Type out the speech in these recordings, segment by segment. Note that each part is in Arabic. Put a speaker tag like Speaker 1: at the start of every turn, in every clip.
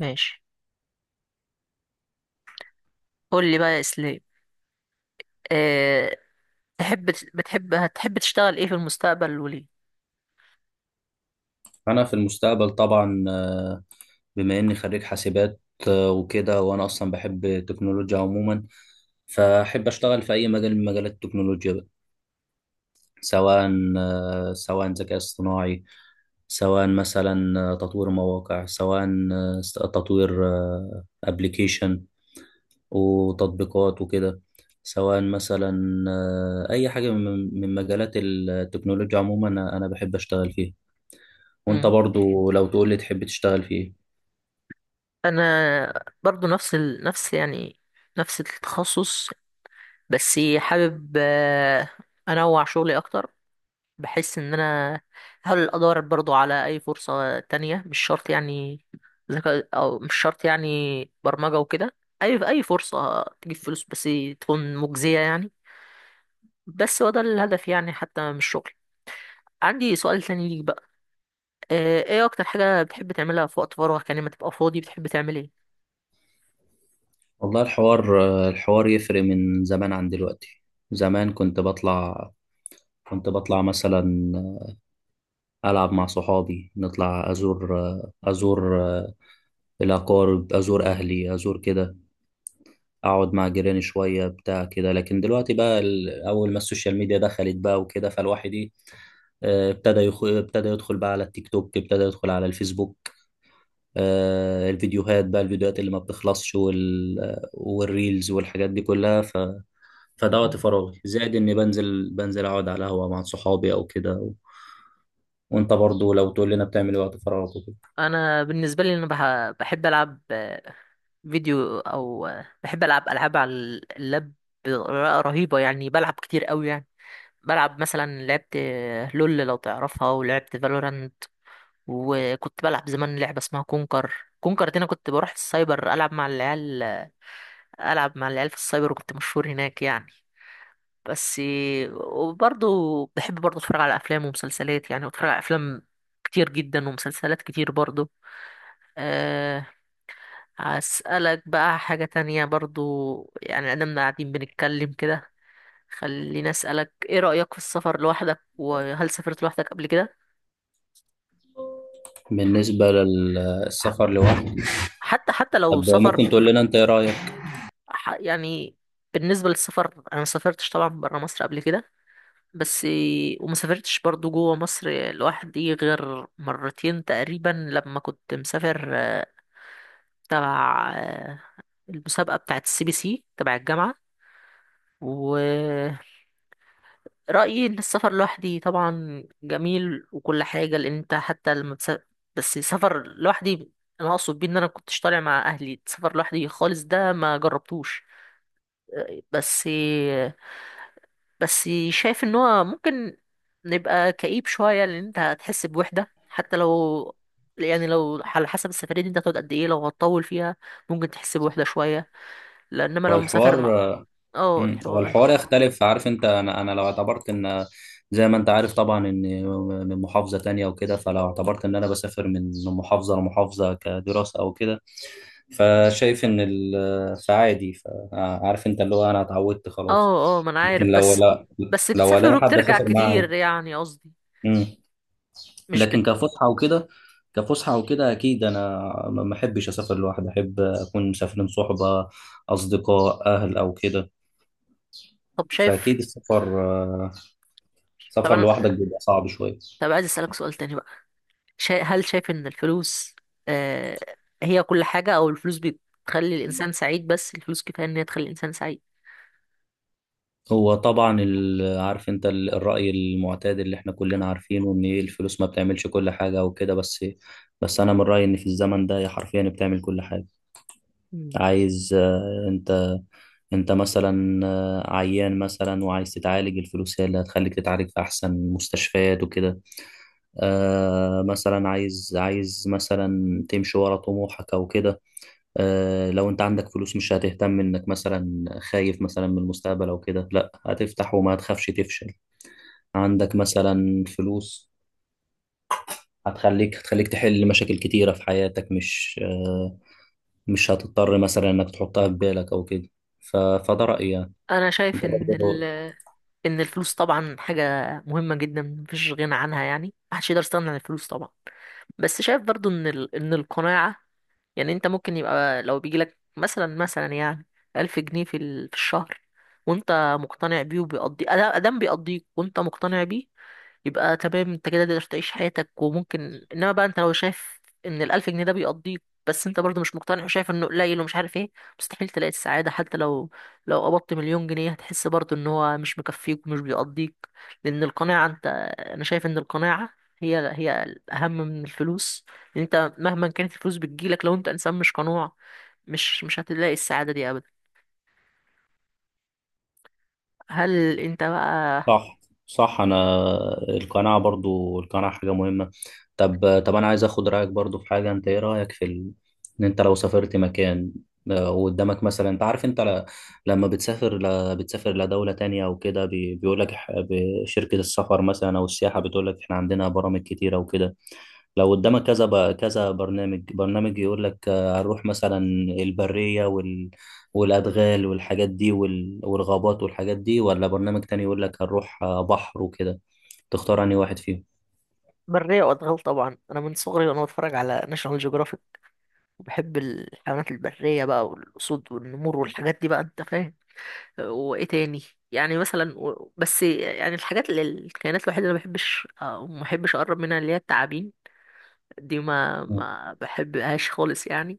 Speaker 1: ماشي. قول لي بقى يا اسلام. أه... تحب بتحب هتحب تشتغل ايه في المستقبل وليه؟
Speaker 2: انا في المستقبل طبعا، بما اني خريج حاسبات، وكده. وانا اصلا بحب التكنولوجيا عموما، فاحب اشتغل في اي مجال من مجالات التكنولوجيا بقى. سواء سواء ذكاء اصطناعي، سواء مثلا تطوير مواقع، سواء تطوير ابلكيشن وتطبيقات وكده. سواء مثلا اي حاجة من مجالات التكنولوجيا عموما، أنا بحب اشتغل فيها. وانت
Speaker 1: مم.
Speaker 2: برضو لو تقول لي تحب تشتغل في ايه؟
Speaker 1: انا برضو نفس التخصص، بس حابب انوع شغلي اكتر. بحس ان انا هحاول ادور برضو على اي فرصة تانية، مش شرط يعني ذكاء او مش شرط يعني برمجة وكده. اي فرصة تجيب فلوس بس تكون مجزية يعني. بس هو ده الهدف يعني حتى من الشغل. عندي سؤال تاني ليك بقى. ايه اكتر حاجة بتحب تعملها في وقت فراغك؟ يعني لما تبقى فاضي بتحب تعمل ايه؟
Speaker 2: والله، الحوار يفرق من زمان عن دلوقتي. زمان كنت بطلع مثلا ألعب مع صحابي، نطلع، أزور الأقارب، أزور أهلي، أزور كده، أقعد مع جيراني شوية بتاع كده. لكن دلوقتي بقى، أول ما السوشيال ميديا دخلت بقى وكده، فالواحد إيه، ابتدى ابتدى يدخل بقى على التيك توك، ابتدى يدخل على الفيسبوك. الفيديوهات بقى، الفيديوهات اللي ما بتخلصش، والريلز والحاجات دي كلها. فده وقت
Speaker 1: مم.
Speaker 2: فراغي، زائد اني بنزل اقعد على قهوه مع صحابي او كده. وانت برضو لو تقول لنا بتعمل إيه وقت فراغك وكده؟
Speaker 1: انا بالنسبة لي انا بحب العب فيديو، او آه، بحب العب العاب على اللاب بطريقة رهيبة يعني، بلعب كتير قوي يعني. بلعب مثلا لعبت لول لو تعرفها، ولعبت فالورانت. وكنت بلعب زمان لعبة اسمها كونكر. كونكر دي انا كنت بروح السايبر العب مع العيال، العب مع العيال في السايبر، وكنت مشهور هناك يعني. بس. وبرضه بحب برضه اتفرج على افلام ومسلسلات، يعني بتفرج على افلام كتير جدا ومسلسلات كتير برضه. أه هسألك بقى حاجة تانية برضه، يعني أنا قاعدين بنتكلم كده، خليني أسألك: إيه رأيك في السفر لوحدك، وهل سافرت لوحدك قبل كده؟
Speaker 2: بالنسبه
Speaker 1: ح-
Speaker 2: للسفر لوحدي،
Speaker 1: حتى لو
Speaker 2: طب
Speaker 1: سفر.
Speaker 2: ممكن تقول لنا انت ايه رايك؟
Speaker 1: يعني بالنسبة للسفر، أنا مسافرتش طبعا برا مصر قبل كده، بس. وما سافرتش برضو جوه مصر لوحدي غير مرتين تقريبا، لما كنت مسافر تبع المسابقة بتاعة السي بي سي تبع الجامعة. ورأيي إن السفر لوحدي طبعا جميل وكل حاجة، لأن أنت حتى لما بس سفر لوحدي، أنا أقصد بيه إن أنا كنتش طالع مع أهلي، السفر لوحدي خالص ده ما جربتوش. آه، بس بس شايف ان هو ممكن نبقى كئيب شوية، لان انت هتحس بوحدة، حتى لو يعني لو على حسب السفرية دي انت هتقعد قد ايه، لو هتطول فيها ممكن تحس بوحدة شوية، لانما لو مسافر
Speaker 2: والحوار.
Speaker 1: مع... اه،
Speaker 2: مم. هو
Speaker 1: الحوار.
Speaker 2: الحوار يختلف. عارف انت، انا لو اعتبرت ان، زي ما انت عارف طبعا، ان من محافظة تانية وكده، فلو اعتبرت ان انا بسافر من محافظة لمحافظة كدراسة او كده، فشايف ان، فعادي، فعارف انت اللي هو انا اتعودت خلاص.
Speaker 1: اه، اه، ما انا
Speaker 2: لكن
Speaker 1: عارف،
Speaker 2: لو
Speaker 1: بس
Speaker 2: لا، لو
Speaker 1: بتسافر
Speaker 2: الاقي حد
Speaker 1: وبترجع
Speaker 2: اسافر معاه.
Speaker 1: كتير يعني قصدي.
Speaker 2: مم.
Speaker 1: مش
Speaker 2: لكن
Speaker 1: بت...
Speaker 2: كفسحة وكده، اكيد انا ما احبش اسافر لوحدي، احب اكون مسافرين صحبة، اصدقاء، اهل او كده.
Speaker 1: طب
Speaker 2: فاكيد
Speaker 1: شايف طب
Speaker 2: سفر لوحدك
Speaker 1: انا
Speaker 2: بيبقى صعب شوية.
Speaker 1: طب عايز اسألك سؤال تاني بقى. هل شايف ان الفلوس آه... هي كل حاجة، او الفلوس بتخلي الانسان سعيد؟ بس الفلوس كفاية ان هي تخلي الانسان سعيد؟
Speaker 2: هو طبعا الرأي المعتاد اللي احنا كلنا عارفينه، ان إيه، الفلوس ما بتعملش كل حاجة وكده. بس انا من رأيي ان في الزمن ده هي حرفيا بتعمل كل حاجة.
Speaker 1: مم.
Speaker 2: عايز انت مثلا، عيان مثلا وعايز تتعالج، الفلوس هي اللي هتخليك تتعالج في احسن مستشفيات وكده. آه مثلا عايز مثلا تمشي ورا طموحك او كده. لو انت عندك فلوس، مش هتهتم انك مثلا خايف مثلا من المستقبل او كده، لا، هتفتح وما تخافش تفشل. عندك مثلا فلوس، هتخليك تحل مشاكل كتيرة في حياتك، مش هتضطر مثلا انك تحطها في بالك او كده. فده رأيي يعني.
Speaker 1: انا
Speaker 2: انت
Speaker 1: شايف
Speaker 2: برضه؟
Speaker 1: ان الفلوس طبعا حاجه مهمه جدا، مفيش غنى عنها، يعني محدش يقدر يستغنى عن الفلوس طبعا. بس شايف برضو ان القناعه، يعني انت ممكن يبقى، لو بيجي لك مثلا يعني 1000 جنيه في الشهر، وانت مقتنع بيه، وبيقضي ادام بيقضيك وانت مقتنع بيه، يبقى تمام. انت كده تقدر تعيش حياتك. وممكن انما بقى انت لو شايف ان الالف جنيه ده بيقضيك، بس انت برضه مش مقتنع وشايف انه قليل ومش عارف ايه، مستحيل تلاقي السعادة. حتى لو قبضت مليون جنيه، هتحس برضه ان هو مش مكفيك ومش بيقضيك. لان القناعة انت، انا شايف ان القناعة هي الاهم من الفلوس. لان انت مهما كانت الفلوس بتجيلك، لو انت انسان مش قنوع، مش هتلاقي السعادة دي ابدا. هل انت بقى...
Speaker 2: صح، صح. انا القناعه، برضو القناعه حاجه مهمه. طب، انا عايز اخد رايك برضو في حاجه. انت ايه رايك في ان انت لو سافرت مكان، وقدامك مثلا انت عارف، انت لما بتسافر لدوله تانية او كده، بيقول لك شركه السفر مثلا او السياحه، بتقول لك احنا عندنا برامج كتيره وكده. لو قدامك كذا كذا برنامج، برنامج يقول لك، هنروح مثلا البرية، والأدغال والحاجات دي، والغابات والحاجات دي، ولا برنامج تاني يقول لك هنروح، بحر وكده. تختار أنهي واحد فيهم؟
Speaker 1: برية وادغال طبعا. انا من صغري وانا بتفرج على ناشونال جيوغرافيك، وبحب الحيوانات البرية بقى، والأسود والنمور والحاجات دي بقى، أنت فاهم. وإيه تاني؟ يعني مثلا، بس يعني الحاجات اللي الكائنات الوحيدة اللي ما بحبش، ما بحبش أقرب منها، اللي هي التعابين دي، ما
Speaker 2: مم.
Speaker 1: ما بحبهاش خالص يعني.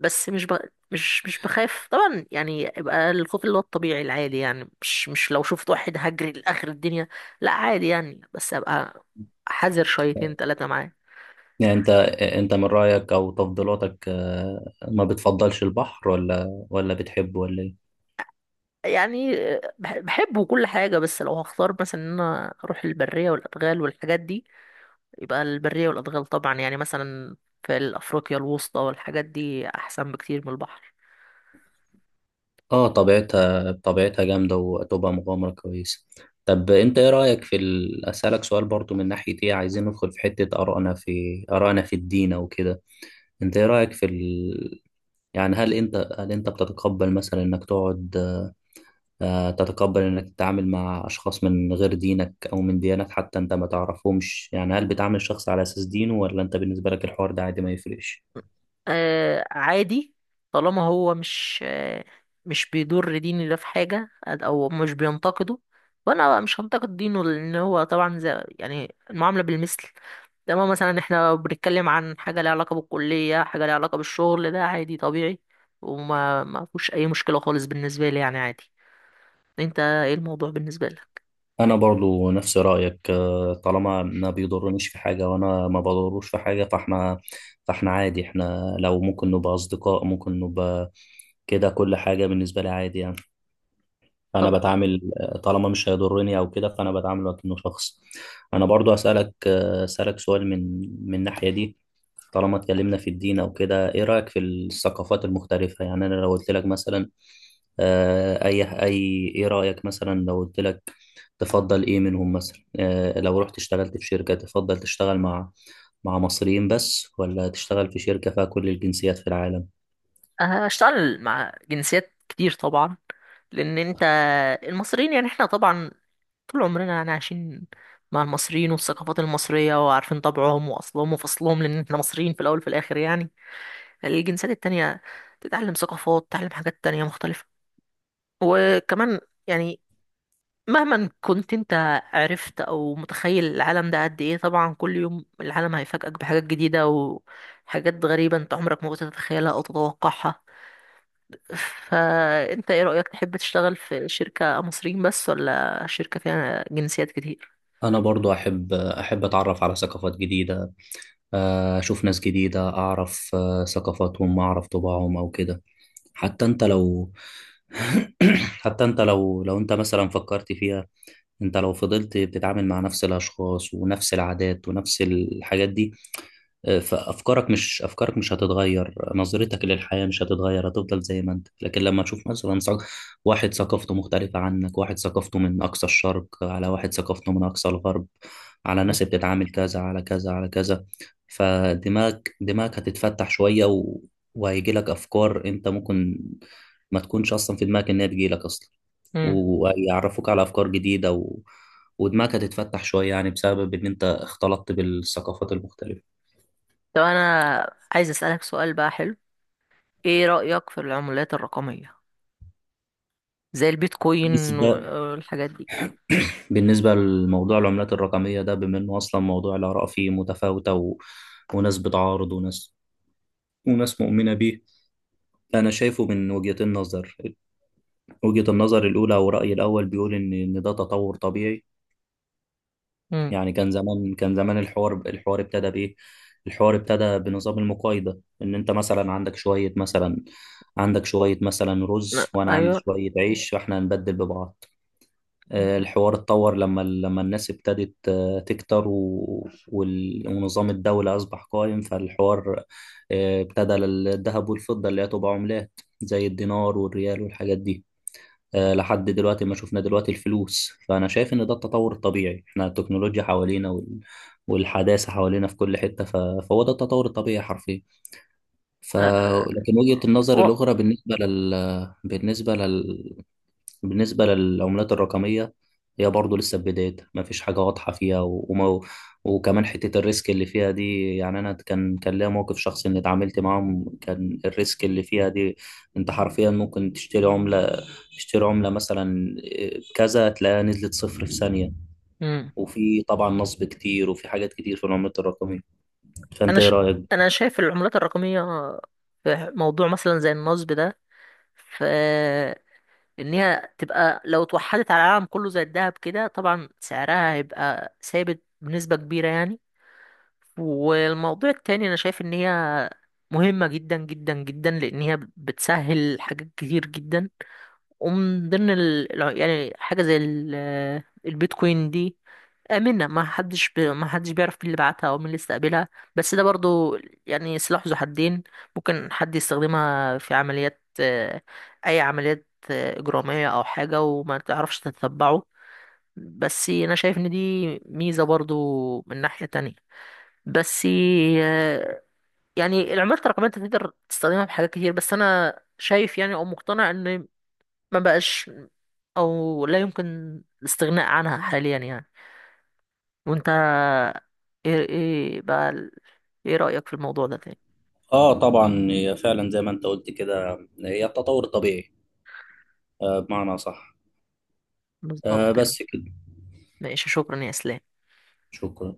Speaker 1: بس مش ب... مش بخاف طبعا يعني، يبقى الخوف اللي هو الطبيعي العادي يعني، مش لو شفت واحد هجري لآخر الدنيا لا، عادي يعني، بس أبقى حذر شويتين تلاتة معاه.
Speaker 2: يعني أنت من رأيك أو تفضيلاتك، ما بتفضلش البحر، ولا بتحبه، ولا إيه؟
Speaker 1: يعني بحبه وكل حاجة، بس لو هختار مثلا ان انا اروح البرية والادغال والحاجات دي، يبقى البرية والادغال طبعا يعني. مثلا في افريقيا الوسطى والحاجات دي احسن بكتير من البحر.
Speaker 2: اه، طبيعتها جامدة وتبقى مغامرة كويسة. طب انت ايه رأيك في اسألك سؤال برضو من ناحية ايه. عايزين ندخل في حتة آرائنا، في الدين او كده. انت ايه رأيك في يعني هل انت، بتتقبل مثلا انك تقعد، آه، تتقبل انك تتعامل مع اشخاص من غير دينك او من ديانات حتى انت ما تعرفهمش، يعني هل بتعامل الشخص على اساس دينه؟ ولا انت بالنسبة لك الحوار ده عادي، ما يفرقش؟
Speaker 1: آه، عادي، طالما هو مش بيضر ديني ده في حاجة، أو مش بينتقده، وأنا مش هنتقد دينه، لأن هو طبعا زي يعني المعاملة بالمثل. لما مثلا احنا بنتكلم عن حاجة ليها علاقة بالكلية، حاجة ليها علاقة بالشغل، ده عادي طبيعي، وما ما فيهوش أي مشكلة خالص بالنسبة لي يعني عادي. أنت إيه الموضوع بالنسبة لك؟
Speaker 2: انا برضو نفس رايك، طالما ما بيضرنيش في حاجه وانا ما بضروش في حاجه، فاحنا عادي. احنا لو ممكن نبقى اصدقاء، ممكن نبقى كده، كل حاجه بالنسبه لي عادي يعني. انا
Speaker 1: طب
Speaker 2: بتعامل، طالما مش هيضرني او كده، فانا بتعامل وكأنه شخص. انا برضو اسالك، سؤال من الناحيه دي. طالما اتكلمنا في الدين او كده، ايه رايك في الثقافات المختلفه؟ يعني انا لو قلت لك مثلا، اي ايه رايك مثلا؟ لو قلت لك تفضل ايه منهم مثلا، لو رحت اشتغلت في شركه، تفضل تشتغل مع مصريين بس، ولا تشتغل في شركه فيها كل الجنسيات في العالم؟
Speaker 1: هشتغل مع جنسيات كتير طبعا. لأن أنت، المصريين يعني احنا طبعا طول عمرنا يعني عايشين مع المصريين والثقافات المصرية، وعارفين طبعهم وأصلهم وفصلهم، لأن احنا مصريين في الأول وفي الآخر يعني. يعني الجنسيات التانية تتعلم ثقافات، تتعلم حاجات تانية مختلفة. وكمان يعني مهما كنت انت عرفت او متخيل العالم ده قد ايه، طبعا كل يوم العالم هيفاجئك بحاجات جديدة وحاجات غريبة انت عمرك ما كنت تتخيلها او تتوقعها. فانت ايه رأيك، تحب تشتغل في شركة مصريين بس ولا شركة فيها جنسيات كتير؟
Speaker 2: انا برضو احب، اتعرف على ثقافات جديده، أشوف ناس جديدة، أعرف ثقافاتهم، أعرف طباعهم أو كده. حتى أنت لو حتى أنت لو أنت مثلا فكرت فيها، انت لو فضلت بتتعامل مع نفس الاشخاص ونفس العادات ونفس الحاجات دي، فافكارك مش افكارك مش هتتغير، نظرتك للحياه مش هتتغير، هتفضل زي ما انت. لكن لما تشوف مثلا، واحد ثقافته مختلفه عنك، واحد ثقافته من اقصى الشرق، على واحد ثقافته من اقصى الغرب، على ناس بتتعامل كذا، على كذا، على كذا. فدماغك، هتتفتح شويه، وهيجي لك افكار انت ممكن ما تكونش اصلا في دماغك ان هي تجي لك اصلا،
Speaker 1: مم.
Speaker 2: ويعرفوك على أفكار جديدة، ودماغك هتتفتح شوية، يعني بسبب إن أنت اختلطت بالثقافات المختلفة.
Speaker 1: طب انا عايز اسالك سؤال بقى حلو، ايه رايك في العملات الرقميه زي البيتكوين
Speaker 2: بالنسبة
Speaker 1: والحاجات دي؟
Speaker 2: بالنسبة لموضوع العملات الرقمية ده، بما إنه أصلا موضوع الآراء فيه متفاوتة، وناس بتعارض، وناس مؤمنة بيه. أنا شايفه من وجهة النظر الأولى، أو رأيي الأول، بيقول إن ده تطور طبيعي.
Speaker 1: امم
Speaker 2: يعني كان زمان، الحوار، ابتدى بايه؟ الحوار ابتدى بنظام المقايضة، ان انت مثلا عندك شوية مثلا، رز، وانا عندي
Speaker 1: ايوه.
Speaker 2: شوية عيش، فاحنا هنبدل ببعض. الحوار اتطور لما الناس ابتدت تكتر، ونظام الدولة اصبح قائم، فالحوار ابتدى الذهب والفضة اللي هي تبقى عملات زي الدينار والريال والحاجات دي. لحد دلوقتي ما شفنا دلوقتي الفلوس، فأنا شايف إن ده التطور الطبيعي. إحنا التكنولوجيا حوالينا، والحداثة حوالينا في كل حتة، فهو ده التطور الطبيعي حرفيا ف...
Speaker 1: آه،
Speaker 2: لكن وجهة النظر
Speaker 1: و...
Speaker 2: الأخرى، بالنسبة للعملات الرقمية، هي برضه لسه في بدايتها، مفيش حاجة واضحة فيها و- وما وكمان حتة الريسك اللي فيها دي. يعني أنا كان ليا موقف شخصي، إني اتعاملت معاهم، كان الريسك اللي فيها دي، أنت حرفيا ممكن تشتري عملة، مثلا، إيه، كذا، تلاقيها نزلت صفر في ثانية.
Speaker 1: مم.
Speaker 2: وفي طبعا نصب كتير، وفي حاجات كتير في العملات الرقمية.
Speaker 1: انا
Speaker 2: فأنت إيه
Speaker 1: ش...
Speaker 2: رأيك؟
Speaker 1: انا شايف العملات الرقميه، في موضوع مثلا زي النصب ده، في انها تبقى لو اتوحدت على العالم كله زي الذهب كده طبعا سعرها هيبقى ثابت بنسبه كبيره يعني. والموضوع التاني انا شايف ان هي مهمة جدا جدا جدا، لان هي بتسهل حاجات كتير جدا. ومن ضمن يعني حاجة زي البيتكوين دي، آمنة، ما حدش بيعرف مين اللي بعتها او مين اللي استقبلها. بس ده برضو يعني سلاح ذو حدين، ممكن حد يستخدمها في عمليات، اي عمليات إجرامية او حاجة وما تعرفش تتبعه. بس انا شايف ان دي ميزة برضو من ناحية تانية. بس يعني العملة الرقمية انت تقدر تستخدمها في حاجات كتير، بس انا شايف يعني او مقتنع ان ما بقاش او لا يمكن الاستغناء عنها حاليا يعني. وانت، ايه ايه رأيك في الموضوع ده تاني؟
Speaker 2: آه طبعا هي فعلا زي ما أنت قلت كده، هي التطور الطبيعي، بمعنى صح.
Speaker 1: بالظبط كده.
Speaker 2: بس كده.
Speaker 1: ماشي، شكرا يا اسلام.
Speaker 2: شكرا.